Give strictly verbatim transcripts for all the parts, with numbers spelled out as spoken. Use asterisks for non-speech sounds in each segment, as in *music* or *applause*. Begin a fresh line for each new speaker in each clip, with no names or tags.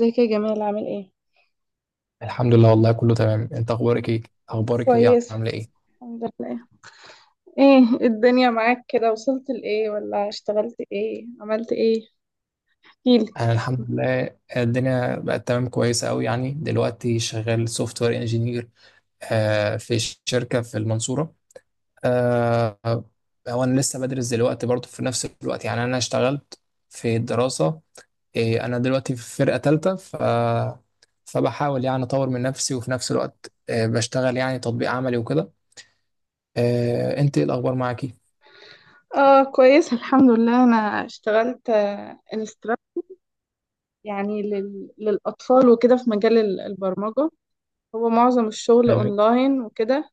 ازيك يا جمال عامل ايه؟
الحمد لله، والله كله تمام. انت اخبارك ايه؟ اخبارك ايه؟
كويس
عامله ايه؟
الحمد لله. ايه الدنيا معاك كده وصلت لإيه ولا اشتغلت ايه؟ عملت ايه؟ احكيلي.
انا الحمد لله الدنيا بقت تمام، كويسه قوي. يعني دلوقتي شغال سوفت وير انجينير في ش- شركه في المنصوره. آه، هو انا لسه بدرس دلوقتي برضه في نفس الوقت. يعني انا اشتغلت في الدراسه. إيه، انا دلوقتي في فرقه ثالثه، ف فبحاول يعني اطور من نفسي، وفي نفس الوقت آه، بشتغل يعني تطبيق عملي وكده. آه، انت ايه الاخبار معاكي؟
اه كويس الحمد لله، انا اشتغلت آه، انستراكتور يعني لل... للأطفال وكده في مجال ال- البرمجة. هو معظم الشغل اونلاين وكده.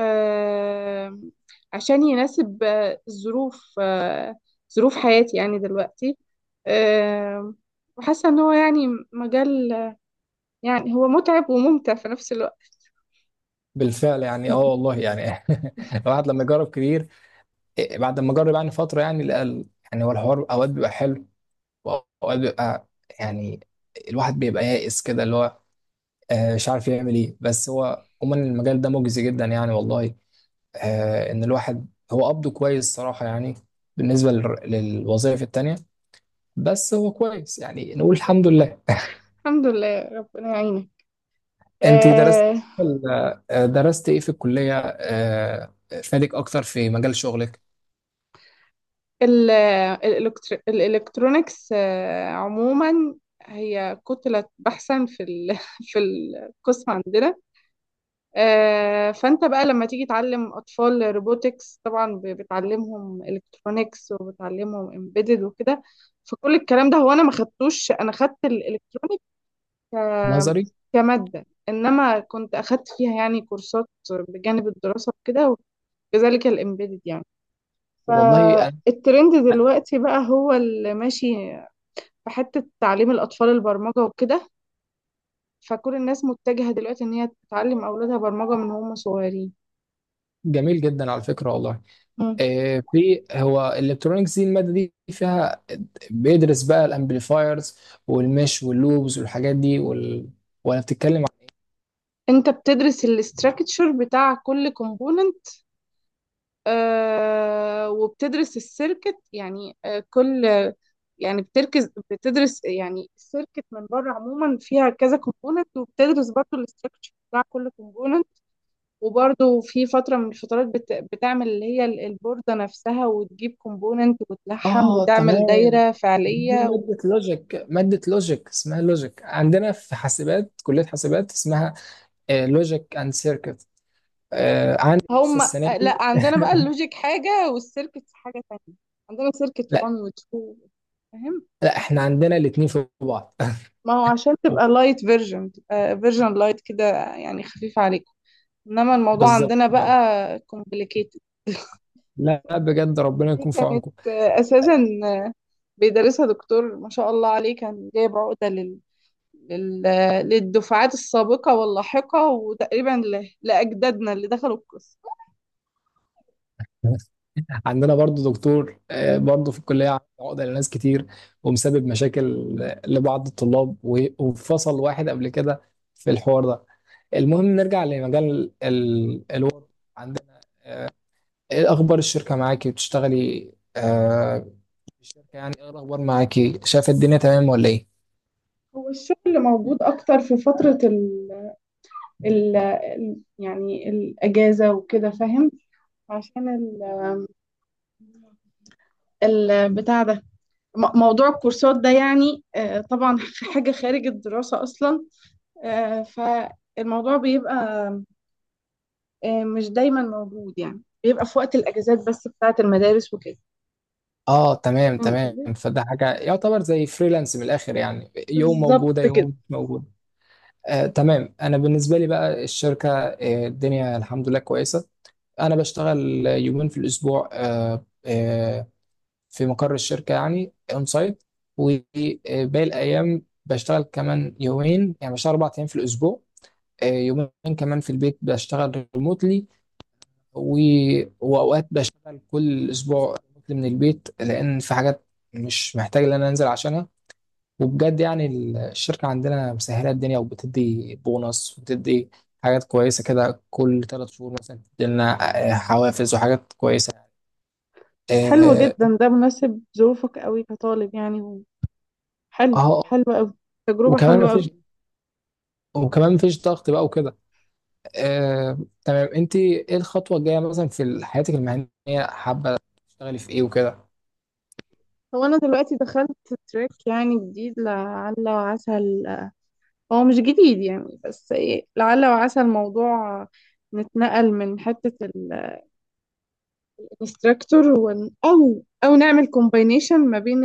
آه... عشان يناسب آه، ظروف آه... ظروف حياتي يعني دلوقتي. آه... وحاسة ان هو يعني مجال، يعني هو متعب وممتع في نفس الوقت.
بالفعل يعني اه والله يعني *laughs* الواحد لما يجرب كتير، إيه، بعد ما جرب يعني فتره يعني لقى يعني هو الحوار اوقات بيبقى حلو، واوقات بيبقى يعني الواحد بيبقى يائس كده، اللي هو آه، مش عارف يعمل ايه. بس هو عموما المجال ده مجزي جدا يعني والله، آه، ان الواحد هو قبضه كويس صراحه، يعني بالنسبه لل- للوظائف التانيه. بس هو كويس يعني، نقول الحمد لله. *laughs*
الحمد لله ربنا يعينك.
انت درست،
آه،
درست ايه في الكليه آه، فادك اكتر في مجال شغلك؟
ال- الإلكتر- الإلكترونيكس آه عموما هي كتلة بحثا في ال- *laughs* في القسم عندنا. آه فأنت بقى لما تيجي تعلم أطفال روبوتكس طبعا ب- بتعلمهم إلكترونيكس وبتعلمهم امبيدد وكده. فكل الكلام ده هو أنا ما خدتوش، أنا خدت الإلكترونيكس ك-
نظري.
كمادة، إنما كنت أخدت فيها يعني كورسات بجانب الدراسة وكده، وكذلك الإمبيدد يعني.
والله أنا.
فالترند دلوقتي بقى هو اللي ماشي في حتة تعليم الأطفال البرمجة وكده، فكل الناس متجهة دلوقتي إن هي تعلم أولادها برمجة من هم صغيرين.
جميل جدا على فكرة والله.
مم.
آه، في هو الالكترونيكس دي، المادة دي فيها بيدرس بقى الامبليفايرز والمش واللوبز والحاجات دي وال... ولا بتتكلم عن...
انت بتدرس الاستراكتشر بتاع كل كومبوننت، آه وبتدرس السيركت يعني آه كل، يعني بتركز بتدرس يعني السيركت من بره عموما فيها كذا كومبوننت، وبتدرس برضو الاستراكشر بتاع كل كومبوننت. وبرضو في فترة من الفترات بت... بتعمل اللي هي ال- البوردة نفسها وتجيب كومبوننت وتلحم
اه
وتعمل
تمام.
دايرة
دي
فعلية.
مادة لوجيك، مادة لوجيك اسمها لوجيك عندنا في حاسبات، كلية حاسبات اسمها لوجيك اند سيركت. عندي لسه
هم.
السنة دي.
لا عندنا بقى
*laughs*
اللوجيك حاجة والسيركت حاجة تانية، عندنا سيركت
لا،
واحد و اتنين. فاهم،
لا احنا عندنا الاتنين في بعض.
ما هو عشان تبقى
*laughs*
لايت فيرجن، تبقى فيرجن لايت كده، يعني خفيف عليكم، انما الموضوع
بالظبط.
عندنا بقى complicated.
لا بجد ربنا
دي
يكون في
كانت
عونكم.
آه، اساسا آه، بيدرسها دكتور ما شاء الله عليه، كان جايب عقده لل... لل... آه، للدفعات السابقه واللاحقه، وتقريبا ل... لاجدادنا اللي دخلوا القسم.
عندنا برضو دكتور آه، برضو في الكلية عامل عقدة لناس كتير، ومسبب مشاكل آه، لبعض الطلاب، و- وفصل واحد قبل كده في الحوار ده. المهم نرجع لمجال ال- الوضع عندنا. ايه اخبار الشركة معاكي؟ بتشتغلي آه في الشركة، يعني ايه الاخبار معاكي؟ شايفة الدنيا تمام ولا ايه؟
هو الشغل موجود اكتر في فترة ال ال ال- يعني الاجازة وكده، فاهم؟ عشان ال ال- بتاع ده، م- موضوع الكورسات ده يعني آه، طبعا *laughs* حاجة خارج الدراسة اصلا. آه، فالموضوع بيبقى آه، مش دايما موجود، يعني بيبقى في وقت الاجازات بس بتاعه المدارس وكده.
اه تمام
فاهم
تمام.
قصدي؟
فده حاجة يعتبر زي فريلانس من الاخر، يعني يوم موجودة
بالظبط
يوم
كده.
مش موجودة. آه تمام. انا بالنسبة لي بقى الشركة آه الدنيا الحمد لله كويسة. انا بشتغل يومين في الاسبوع، آه، آه، في مقر الشركه يعني اون سايت، وباقي الايام بشتغل كمان يومين. يعني بشتغل اربع ايام في الاسبوع، آه، يومين كمان في البيت بشتغل ريموتلي. واوقات بشتغل كل اسبوع ريموتلي من البيت، لان في حاجات مش محتاج ان انا انزل عشانها. وبجد يعني الشركه عندنا مسهله الدنيا، وبتدي بونص وبتدي حاجات كويسه كده. كل ثلاث شهور مثلا بتدي لنا آه، حوافز وحاجات كويسه.
حلو
اه
جدا، ده مناسب ظروفك قوي كطالب يعني و- حلو
آه،
حلو قوي، تجربة
وكمان
حلوة قوي.
مفيش وكمان مفيش ضغط بقى وكده. آه، تمام. انت ايه الخطوه الجايه مثلا في حياتك المهنيه؟ حابه تشتغلي في ايه وكده؟
هو انا دلوقتي دخلت تراك يعني جديد، لعل وعسى ال- هو مش جديد يعني، بس ايه لعل وعسى الموضوع نتنقل من حتة الانستراكتور ون... او او نعمل كومباينيشن ما بين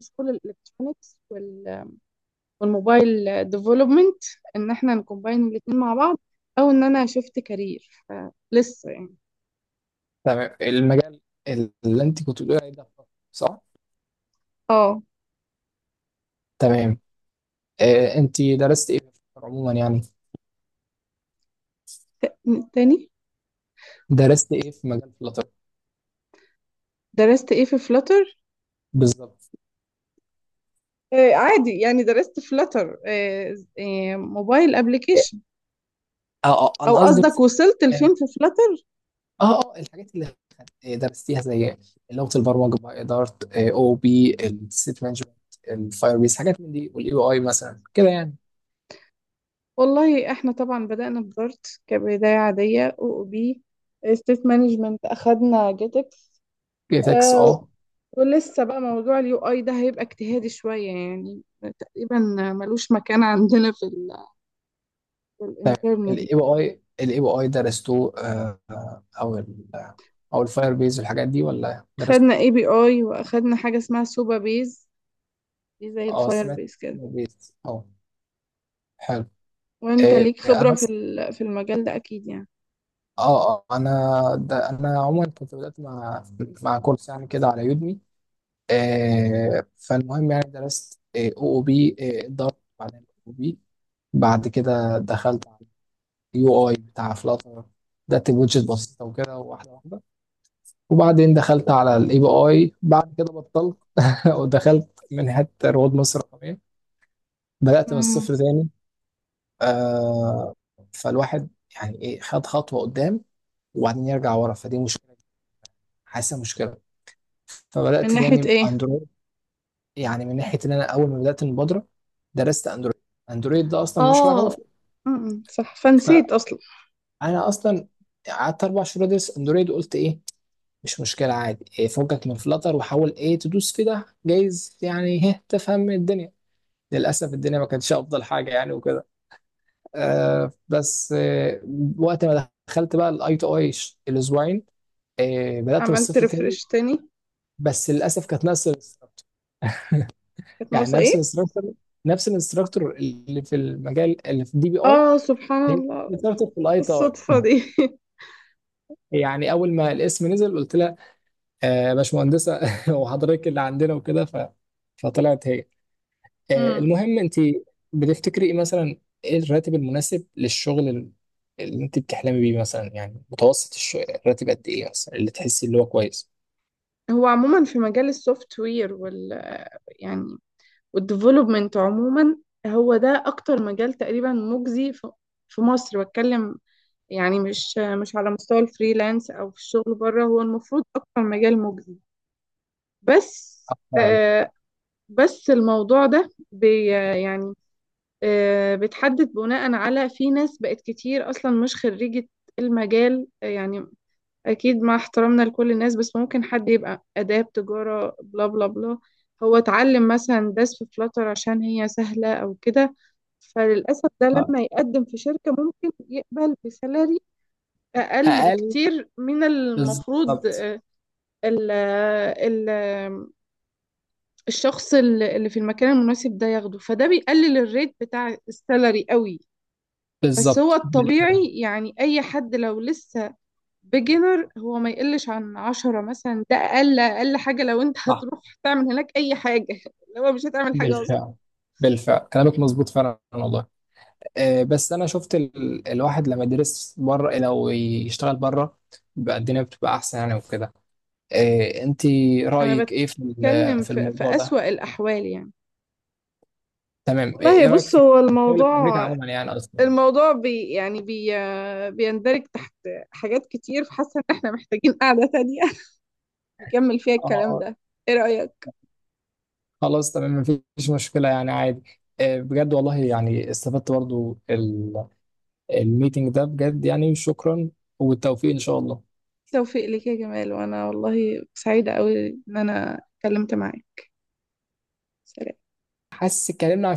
السكول الالكترونيكس والموبايل ديفلوبمنت، ان احنا نكومباين الاتنين مع بعض، او ان انا شفت كارير فلسه يعني.
تمام، المجال اللي انت كنت بتقولي عليه ده؟ صح.
اه.
تمام. آه، انت درست ايه في عموما يعني؟
تاني.
درست ايه في مجال فلاتر؟
درست ايه في فلاتر؟
بالظبط.
آه عادي يعني، درست فلاتر آه آه موبايل ابلكيشن.
اه اه
او
انا قصدي
قصدك
بس.
وصلت
اه
لفين في فلاتر؟
اه آه، الحاجات اللي درستيها زي لغه البرمجه بقى، اداره او بي، السيت مانجمنت، الفاير بيس، حاجات من دي، والاي بي اي مثلا كده يعني.
والله احنا طبعا بدأنا بدارت كبداية عادية، او او بي ستيت مانجمنت اخدنا جيتكس.
جي تكس،
آه
اه.
ولسه بقى موضوع اليو اي ده هيبقى اجتهادي شوية يعني، تقريبا ملوش مكان عندنا في ال الانترن
الاي
دي.
بي اي، الاي بي اي درستوه آه، آه، او ال، او الفاير بيز والحاجات دي، ولا
خدنا
درستوا ايه؟
اي بي اي واخدنا حاجه اسمها سوبا بيز، دي زي
اه
الفاير
سمعت
بيز كده.
فاير بيز، اه. حلو.
وانت
إيه
ليك خبره
انا
في
س-
ال- في المجال ده اكيد يعني.
اه اه انا ده انا عموما كنت بدأت مع، مع كورس يعني كده على يودمي. إيه فالمهم يعني درست او او بي اداره، بعدين او بي، بعد كده دخلت على اليو اي بتاع فلاتر. بدأت بوجهة بسيطة وكده، واحدة واحدة. وبعدين دخلت على الاي بي اي، بعد كده بطلت *laughs* ودخلت من حتة رواد مصر الرقمية، بدأت من
مم.
الصفر تاني. آه فالواحد يعني ايه، خد خطوة قدام وبعدين يرجع ورا، فدي مشكلة، حاسة مشكلة.
من
فبدأت
ناحيه
تاني
ايه؟
اندرويد. يعني من ناحية ان انا اول ما بدأت المبادرة درست اندرويد، اندرويد ده اصلا مش رغبة
اه
فيه.
مم. صح، فنسيت اصلا.
فانا اصلا قعدت اربع شهور ادرس اندرويد، وقلت ايه مش مشكلة عادي، إيه، فكك من فلتر وحاول ايه تدوس في ده، جايز يعني هه تفهم الدنيا. للأسف الدنيا ما كانتش أفضل حاجة يعني وكده. آه بس آه وقت ما دخلت بقى الاي تو اي الأسبوعين، آه بدأت من
عملت
الصفر تاني.
ريفرش تاني؟
بس للأسف كانت نفس الانستراكتور،
كانت
يعني
ناقصه
نفس
ايه؟
الانستراكتور، نفس الانستراكتور اللي في المجال، اللي في الدي بي اي،
اه سبحان
هي نفس
الله،
الانستراكتور في الاي تي اي.
الصدفه دي *laughs*
يعني أول ما الاسم نزل قلت لها آه باشمهندسة، *laughs* وحضرتك اللي عندنا وكده ف... فطلعت هي. آه،
مم.
المهم انت بتفتكري ايه مثلا، ايه الراتب المناسب للشغل ال- اللي انت بتحلمي بيه مثلا؟ يعني متوسط الشغل، الراتب قد ايه مثلا اللي تحسي اللي هو كويس؟
هو عموما في مجال السوفت وير وال، يعني والديفلوبمنت عموما، هو ده اكتر مجال تقريبا مجزي في في مصر بتكلم، يعني مش مش على مستوى الفريلانس او في الشغل بره، هو المفروض اكتر مجال مجزي بس.
فعلا.
آه بس الموضوع ده بي، يعني آه بتحدد بناء على، في ناس بقت كتير اصلا مش خريجة المجال آه، يعني اكيد مع احترامنا لكل الناس، بس ممكن حد يبقى اداب تجارة بلا بلا بلا، هو اتعلم مثلا داس في فلاتر عشان هي سهلة او كده، فللأسف ده
آه،
لما يقدم في شركة ممكن يقبل بسالري أقل
اقل
بكتير من المفروض.
بالظبط.
آه، ال آه، ال آه، الشخص ال- اللي في المكان المناسب ده ياخده، فده بيقلل الريت بتاع السالري قوي. بس هو
بالظبط بالفعل.
الطبيعي يعني أي حد لو لسه بيجنر، هو ما يقلش عن عشرة مثلا، ده أقل أقل حاجة لو أنت
صح،
هتروح تعمل هناك أي حاجة *laughs* لو مش هتعمل حاجة أصلا.
بالفعل. بالفعل كلامك مظبوط فعلا والله. أه بس انا شفت ال... الواحد لما يدرس بره، لو يشتغل بره بقى الدنيا بتبقى احسن يعني وكده. أه انت
أنا
رايك ايه في ال-
بتكلم
في
في, في
الموضوع ده؟
أسوأ الأحوال يعني.
تمام. ايه
والله
إيه رايك
بص
في
هو
الشغل في امريكا
الموضوع،
عموما؟ يعني اصلا
الموضوع بي يعني بي بيندرج تحت حاجات كتير، فحاسة ان احنا محتاجين قعدة تانية *laughs* نكمل فيها
اه.
الكلام
آه،
ده. ايه رأيك؟
خلاص تمام، مفيش مشكله، يعني عادي. آه، بجد والله يعني استفدت برضو ال- الميتنج ده، بجد يعني شكرا، والتوفيق ان شاء الله.
توفيق لك يا جمال، وانا والله سعيدة قوي ان انا اتكلمت معاك. سلام.
حاسس اتكلمنا عن